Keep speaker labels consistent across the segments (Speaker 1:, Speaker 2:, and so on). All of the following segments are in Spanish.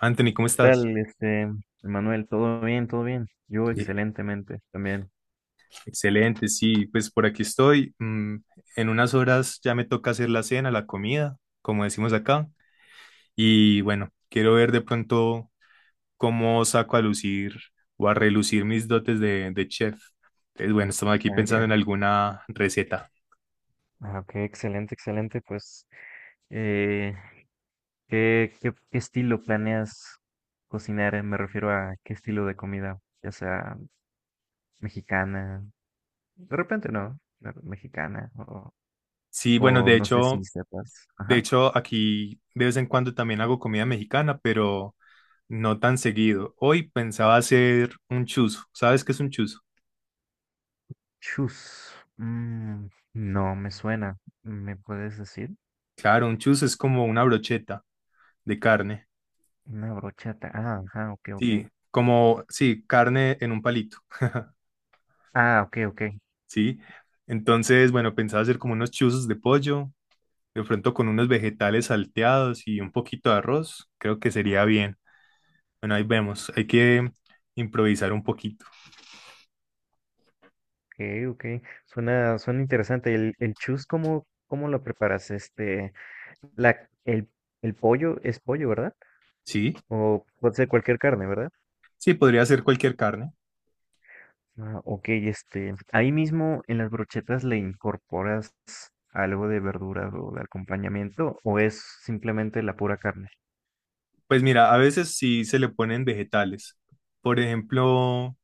Speaker 1: Anthony, ¿cómo estás?
Speaker 2: Tal, Manuel? ¿Todo bien? ¿Todo bien? Yo
Speaker 1: Bien.
Speaker 2: excelentemente también.
Speaker 1: Excelente, sí, pues por aquí estoy. En unas horas ya me toca hacer la cena, la comida, como decimos acá. Y bueno, quiero ver de pronto cómo saco a lucir o a relucir mis dotes de chef. Entonces, bueno, estamos aquí
Speaker 2: Ah,
Speaker 1: pensando
Speaker 2: ya.
Speaker 1: en alguna receta.
Speaker 2: Ah, ok, excelente, excelente. Pues, eh, ¿ qué estilo planeas cocinar? Me refiero a qué estilo de comida, ya sea mexicana, de repente no, mexicana,
Speaker 1: Sí, bueno,
Speaker 2: o
Speaker 1: de
Speaker 2: no sé si
Speaker 1: hecho,
Speaker 2: sepas.
Speaker 1: de
Speaker 2: Ajá.
Speaker 1: hecho, aquí de vez en cuando también hago comida mexicana, pero no tan seguido. Hoy pensaba hacer un chuzo. ¿Sabes qué es un chuzo?
Speaker 2: Chus. Mm, no me suena. ¿Me puedes decir?
Speaker 1: Claro, un chuzo es como una brocheta de carne,
Speaker 2: Una brochata. Ah, ajá, ok, ok.
Speaker 1: sí, como, sí, carne en un palito,
Speaker 2: Ah, ok, ok.
Speaker 1: sí. Entonces, bueno, pensaba hacer como unos chuzos de pollo, de pronto con unos vegetales salteados y un poquito de arroz, creo que sería bien. Bueno, ahí vemos, hay que improvisar un poquito,
Speaker 2: Okay, okay. Suena interesante. El chus, ¿ cómo lo preparas? La, el, el pollo es pollo, ¿verdad?
Speaker 1: sí,
Speaker 2: O puede ser cualquier carne, ¿verdad?
Speaker 1: sí, podría ser cualquier carne.
Speaker 2: Ah, ok, este, ahí mismo en las brochetas le incorporas algo de verduras o de acompañamiento, o es simplemente la pura carne.
Speaker 1: Pues mira, a veces sí se le ponen vegetales, por ejemplo,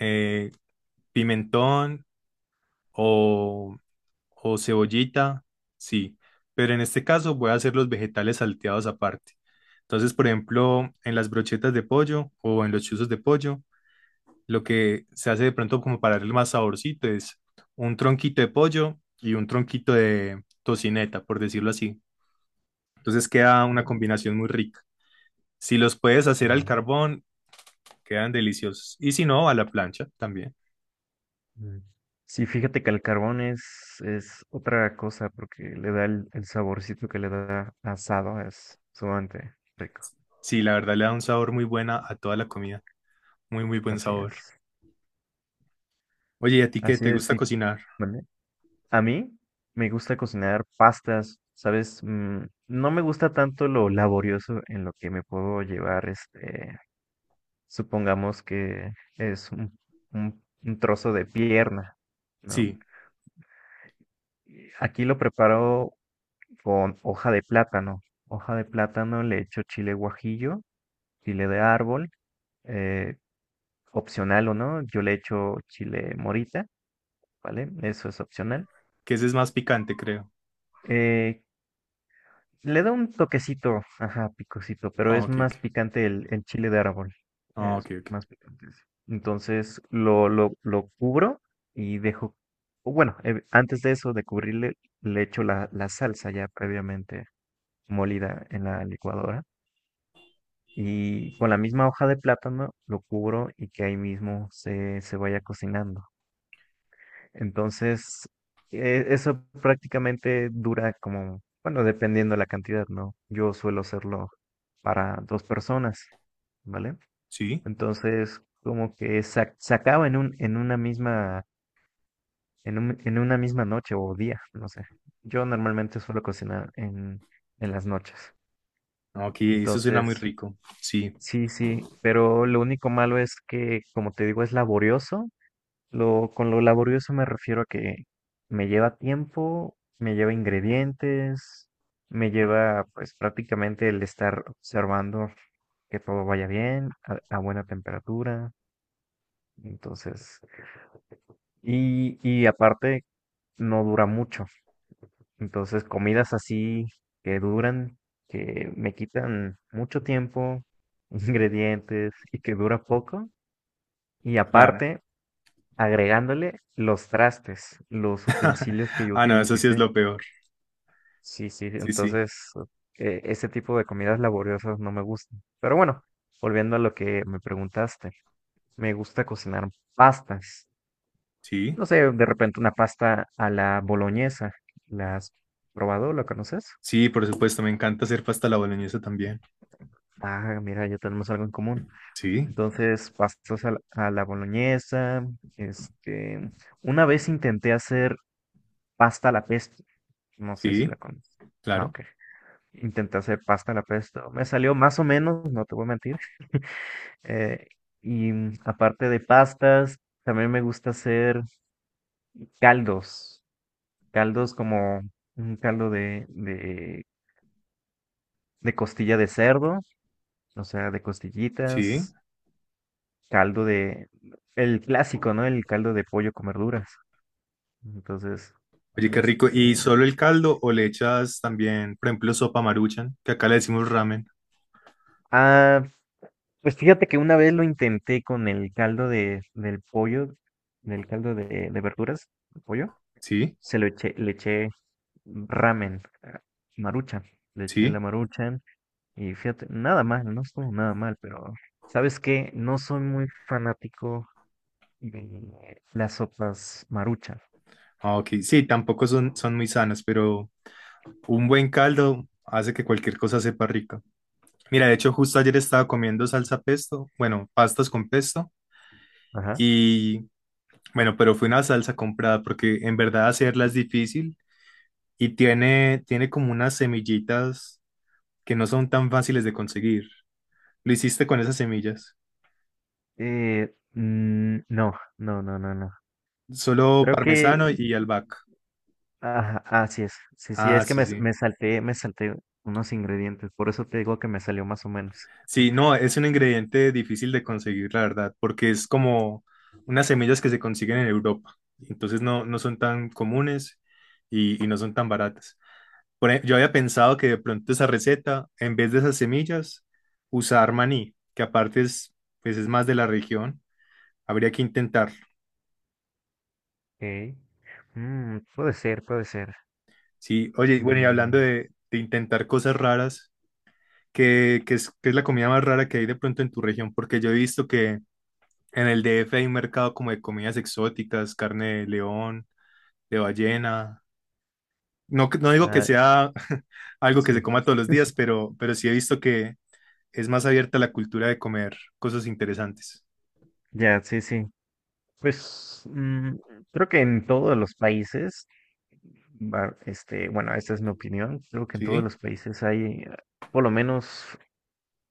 Speaker 1: eh, pimentón o, o cebollita, sí, pero en este caso voy a hacer los vegetales salteados aparte. Entonces, por ejemplo, en las brochetas de pollo o en los chuzos de pollo, lo que se hace de pronto como para darle más saborcito es un tronquito de pollo y un tronquito de tocineta, por decirlo así. Entonces queda una
Speaker 2: Ok.
Speaker 1: combinación muy rica. Si los puedes hacer al
Speaker 2: Oh,
Speaker 1: carbón, quedan deliciosos. Y si no, a la plancha también.
Speaker 2: mm. Sí, fíjate que el carbón es otra cosa porque le da el saborcito que le da asado, es sumamente rico.
Speaker 1: Sí, la verdad le da un sabor muy buena a toda la comida. Muy, muy buen
Speaker 2: Así
Speaker 1: sabor.
Speaker 2: es.
Speaker 1: Oye, ¿y a ti qué
Speaker 2: Así
Speaker 1: te
Speaker 2: es,
Speaker 1: gusta
Speaker 2: sí.
Speaker 1: cocinar?
Speaker 2: ¿Vale? A mí me gusta cocinar pastas, ¿sabes? Mm, no me gusta tanto lo laborioso en lo que me puedo llevar, este, supongamos que es un, un trozo de pierna, ¿no?
Speaker 1: Sí,
Speaker 2: Y aquí lo preparo con hoja de plátano. Hoja de plátano, le echo chile guajillo, chile de árbol, eh, opcional o no, yo le echo chile morita, ¿vale? Eso es opcional.
Speaker 1: que ese es más picante, creo.
Speaker 2: Eh, Le da un toquecito, ajá, picosito, pero
Speaker 1: Ah,
Speaker 2: es
Speaker 1: ok, ok.
Speaker 2: más picante el chile de árbol.
Speaker 1: Ah, ok,
Speaker 2: Es
Speaker 1: ok.
Speaker 2: más picante. Sí. Entonces lo cubro y dejo, o bueno, antes de eso, de cubrirle, le echo la salsa ya previamente molida en la licuadora. Y con la misma hoja de plátano lo cubro y que ahí mismo se vaya cocinando. Entonces, eso prácticamente dura como, bueno, dependiendo la cantidad, ¿no? Yo suelo hacerlo para dos personas, ¿vale?
Speaker 1: Sí.
Speaker 2: Entonces, como que se acaba en un, en una misma, en en una misma noche o día, no sé. Yo normalmente suelo cocinar en las noches.
Speaker 1: Ah, ok, eso suena muy
Speaker 2: Entonces,
Speaker 1: rico. Sí,
Speaker 2: sí, sí, pero lo único malo es que, como te digo, es laborioso. Lo, con lo laborioso me refiero a que me lleva tiempo, me lleva ingredientes, me lleva pues prácticamente el estar observando que todo vaya bien, a buena temperatura, entonces, y aparte no dura mucho, entonces comidas así que duran, que me quitan mucho tiempo, ingredientes y que dura poco, y
Speaker 1: claro.
Speaker 2: aparte agregándole los trastes, los utensilios que yo
Speaker 1: Ah, no, eso sí es
Speaker 2: utilicé.
Speaker 1: lo peor.
Speaker 2: Sí, sí,
Speaker 1: Sí, sí.
Speaker 2: entonces ese tipo de comidas laboriosas no me gustan. Pero bueno, volviendo a lo que me preguntaste, me gusta cocinar pastas.
Speaker 1: Sí.
Speaker 2: No sé, de repente una pasta a la boloñesa. ¿La has probado? ¿La conoces?
Speaker 1: Sí, por supuesto, me encanta hacer pasta a la boloñesa también.
Speaker 2: Ah, mira, ya tenemos algo en común.
Speaker 1: Sí,
Speaker 2: Entonces, pastas a a la boloñesa. Este, una vez intenté hacer pasta a la pesto. No sé si
Speaker 1: sí,
Speaker 2: la conoces. Ah,
Speaker 1: claro.
Speaker 2: ok. Intenté hacer pasta a la pesto. Me salió más o menos, no te voy a mentir. eh, y mm, aparte de pastas, también me gusta hacer caldos. Caldos como un caldo de costilla de cerdo, o sea, de
Speaker 1: Sí.
Speaker 2: costillitas. Caldo de... El clásico, ¿no? El caldo de pollo con verduras. Entonces,
Speaker 1: Oye, qué rico. ¿Y
Speaker 2: este...
Speaker 1: solo el caldo o le echas también, por ejemplo, sopa maruchan, que acá le decimos ramen?
Speaker 2: Ah, pues fíjate que una vez lo intenté con el caldo de, del pollo, del caldo de verduras, de pollo
Speaker 1: Sí,
Speaker 2: se lo eché, le eché ramen, ah, marucha, le eché la
Speaker 1: sí.
Speaker 2: marucha y fíjate, nada mal, no estuvo nada mal, pero ¿sabes qué? No soy muy fanático de las sopas marucha.
Speaker 1: Ah, ok. Sí, tampoco son, son muy sanas, pero... Un buen caldo hace que cualquier cosa sepa rica. Mira, de hecho, justo ayer estaba comiendo salsa pesto, bueno, pastas con pesto,
Speaker 2: Ajá.
Speaker 1: y bueno, pero fue una salsa comprada porque en verdad hacerla es difícil y tiene como unas semillitas que no son tan fáciles de conseguir. Lo hiciste con esas semillas,
Speaker 2: No, no, no, no, no.
Speaker 1: solo
Speaker 2: Creo
Speaker 1: parmesano
Speaker 2: que,
Speaker 1: y albahaca.
Speaker 2: ajá, así es. Sí, sí,
Speaker 1: Ah,
Speaker 2: es que
Speaker 1: sí, sí.
Speaker 2: me salté unos ingredientes, por eso te digo que me salió más o menos.
Speaker 1: Sí, no, es un ingrediente difícil de conseguir, la verdad, porque es como unas semillas que se consiguen en Europa. Entonces no, no son tan comunes y no son tan baratas. Por ej- yo había pensado que de pronto esa receta, en vez de esas semillas, usar maní, que aparte es, pues es más de la región. Habría que intentarlo.
Speaker 2: Ok. Mm, puede ser, puede ser.
Speaker 1: Sí, oye, y bueno, y hablando
Speaker 2: Mm,
Speaker 1: de intentar cosas raras, ¿qué es la comida más rara que hay de pronto en tu región? Porque yo he visto que en el DF hay un mercado como de comidas exóticas, carne de león, de ballena. No, que- no digo que
Speaker 2: ah,
Speaker 1: sea algo que se
Speaker 2: sí.
Speaker 1: coma todos los días, pero sí he visto que es más abierta la cultura de comer cosas interesantes.
Speaker 2: Ya, sí, sí. Pues creo que en todos los países, este, bueno, esta es mi opinión, creo que en todos
Speaker 1: ¿Sí?
Speaker 2: los países hay por lo menos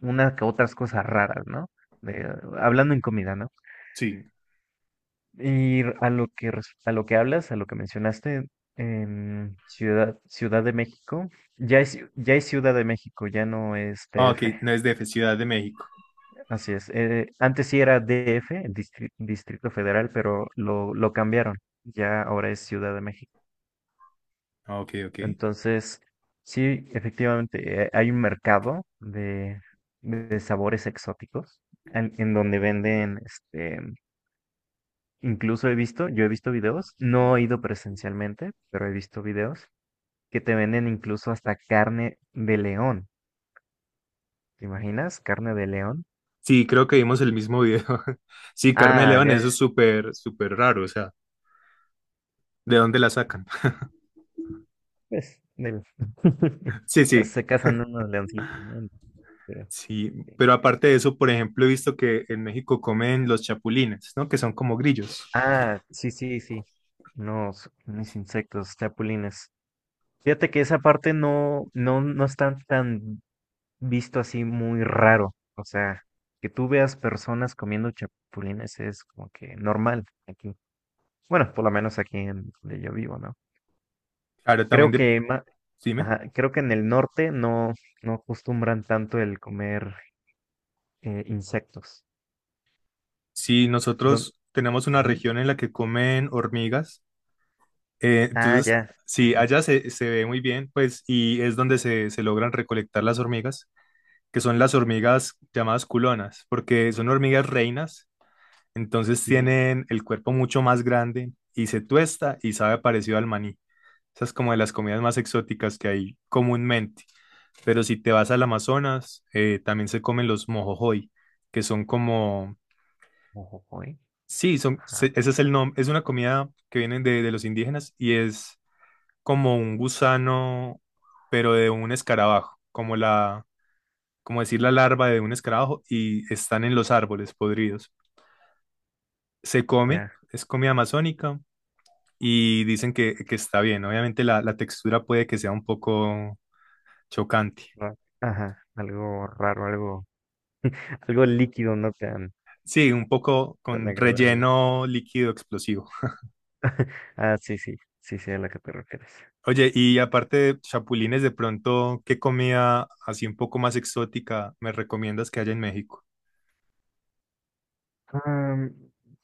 Speaker 2: una que otras cosas raras, ¿no? De, hablando en comida, ¿no?
Speaker 1: Sí.
Speaker 2: Y a lo que a lo que hablas, a lo que mencionaste en Ciudad de México, ya es Ciudad de México, ya no es
Speaker 1: Ah, ok,
Speaker 2: TF.
Speaker 1: no es DF, Ciudad de México.
Speaker 2: Así es. Antes sí era DF, el Distrito Federal, pero lo cambiaron. Ya ahora es Ciudad de México.
Speaker 1: Ah, ok, ok.
Speaker 2: Entonces, sí, efectivamente, hay un mercado de sabores exóticos en donde venden, este, incluso he visto, yo he visto videos, no he ido presencialmente, pero he visto videos que te venden incluso hasta carne de león. ¿Te imaginas? Carne de león.
Speaker 1: Sí, creo que vimos el mismo video. Sí, carne de
Speaker 2: Ah,
Speaker 1: león,
Speaker 2: ya.
Speaker 1: eso es súper, súper raro. O sea, ¿de dónde la sacan?
Speaker 2: Pues,
Speaker 1: Sí,
Speaker 2: ya
Speaker 1: sí,
Speaker 2: se casan unos leoncitos, ¿no? Pero-
Speaker 1: sí. Pero
Speaker 2: este,
Speaker 1: aparte de eso, por ejemplo, he visto que en México comen los chapulines, ¿no? Que son como grillos.
Speaker 2: Ah, sí, sí, sí. Unos, unos insectos, chapulines. Fíjate que esa parte no está tan visto así muy raro. O sea, que tú veas personas comiendo chapulines es como que normal aquí. Bueno, por lo menos aquí en donde yo vivo, ¿no?
Speaker 1: Ahora también
Speaker 2: Creo
Speaker 1: de-
Speaker 2: que
Speaker 1: dime,
Speaker 2: ajá, creo que en el norte no, no acostumbran tanto el comer insectos.
Speaker 1: si
Speaker 2: Don-
Speaker 1: nosotros tenemos una
Speaker 2: Ujú.
Speaker 1: región en la que comen hormigas,
Speaker 2: Ah,
Speaker 1: entonces,
Speaker 2: ya.
Speaker 1: sí,
Speaker 2: Ajá.
Speaker 1: allá se, se ve muy bien, pues, y es donde se logran recolectar las hormigas, que son las hormigas llamadas culonas, porque son hormigas reinas, entonces
Speaker 2: Sí, sí.
Speaker 1: tienen el cuerpo mucho más grande y se tuesta y sabe parecido al maní. Esa es como de las comidas más exóticas que hay comúnmente. Pero si te vas al Amazonas, también se comen los mojojoy, que son como...
Speaker 2: Mojojoy.
Speaker 1: Sí, son, se-
Speaker 2: Ajá.
Speaker 1: ese es el nombre, es una comida que viene de los indígenas y es como un gusano, pero de un escarabajo, como la, como decir la larva de un escarabajo y están en los árboles podridos. Se come,
Speaker 2: Ya.
Speaker 1: es comida amazónica y dicen que está bien. Obviamente la textura puede que sea un poco chocante.
Speaker 2: ra- Ajá. Algo raro, algo, algo líquido, no tan,
Speaker 1: Sí, un poco
Speaker 2: tan
Speaker 1: con
Speaker 2: agradable.
Speaker 1: relleno líquido explosivo.
Speaker 2: Ah, sí, sí. Sí, sí, a la que te refieres.
Speaker 1: Oye, y aparte de chapulines, de pronto, ¿qué comida así un poco más exótica me recomiendas que haya en México?
Speaker 2: Am,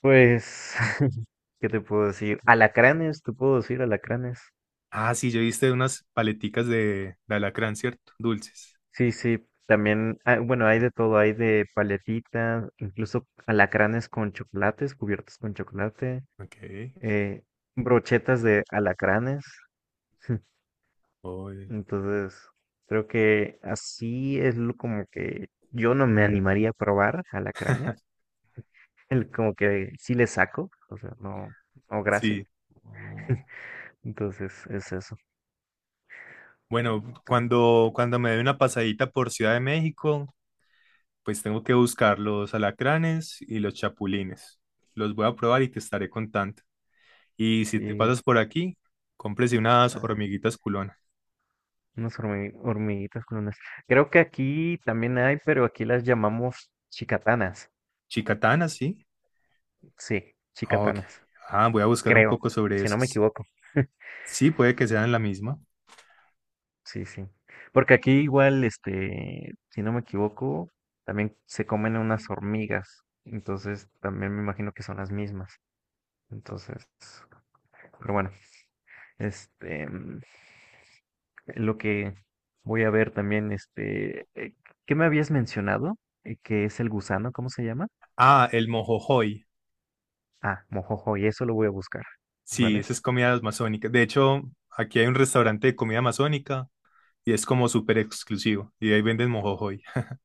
Speaker 2: pues, ¿qué te puedo decir? Alacranes, te puedo decir alacranes.
Speaker 1: Ah, sí, yo viste unas paleticas de alacrán, ¿cierto? Dulces.
Speaker 2: Sí, sí. También, ah, bueno, hay de todo, hay de paletitas, incluso alacranes con chocolates, cubiertos con chocolate,
Speaker 1: Ok.
Speaker 2: eh, brochetas de alacranes.
Speaker 1: Oy.
Speaker 2: Entonces, creo que así es lo como que yo no me animaría a probar alacranes. El, como que sí le saco, o sea, no, no, gracias.
Speaker 1: Sí.
Speaker 2: Entonces, es eso.
Speaker 1: Bueno, cuando me dé una pasadita por Ciudad de México, pues tengo que buscar los alacranes y los chapulines. Los voy a probar y te estaré contando. Y si te
Speaker 2: Sí,
Speaker 1: pasas por aquí, cómprese unas
Speaker 2: ah,
Speaker 1: hormiguitas culonas.
Speaker 2: unas hormiguitas con unas. Creo que aquí también hay, pero aquí las llamamos chicatanas.
Speaker 1: Chicatanas, sí.
Speaker 2: Sí,
Speaker 1: Ok.
Speaker 2: chicatanas.
Speaker 1: Ah, voy a buscar un
Speaker 2: Creo,
Speaker 1: poco sobre
Speaker 2: si
Speaker 1: eso.
Speaker 2: no me
Speaker 1: S-
Speaker 2: equivoco.
Speaker 1: sí, puede que sean la misma.
Speaker 2: Sí, sí. Porque aquí igual, este, si no me equivoco, también se comen unas hormigas. Entonces, también me imagino que son las mismas. Entonces, pero bueno, este, mm, lo que voy a ver también, ¿qué me habías mencionado? ¿Qué es el gusano? ¿Cómo se llama?
Speaker 1: Ah, el mojojoy.
Speaker 2: Ah, mojojoy, eso lo voy a buscar,
Speaker 1: Sí,
Speaker 2: ¿vale?
Speaker 1: esa es comida amazónica. De hecho, aquí hay un restaurante de comida amazónica y es como súper exclusivo. Y ahí venden mojojoy.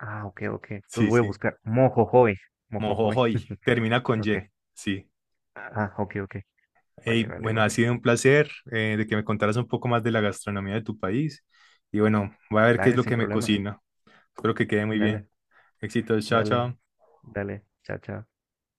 Speaker 2: Ah, ok, ok. Los
Speaker 1: Sí,
Speaker 2: voy a
Speaker 1: sí.
Speaker 2: buscar. Mojojoy, mojojoy.
Speaker 1: Mojojoy. Termina con
Speaker 2: Ok.
Speaker 1: Y. Sí.
Speaker 2: Ah, ok, ok. Vale,
Speaker 1: Hey,
Speaker 2: vale,
Speaker 1: bueno, ha sido
Speaker 2: vale.
Speaker 1: un placer de que me contaras un poco más de la gastronomía de tu país. Y bueno, voy a ver qué es
Speaker 2: Dale,
Speaker 1: lo
Speaker 2: sin
Speaker 1: que me
Speaker 2: problemas.
Speaker 1: cocina. Espero que quede muy bien.
Speaker 2: Dale,
Speaker 1: Éxitos. Chao,
Speaker 2: dale,
Speaker 1: chao.
Speaker 2: dale. Chao, chao.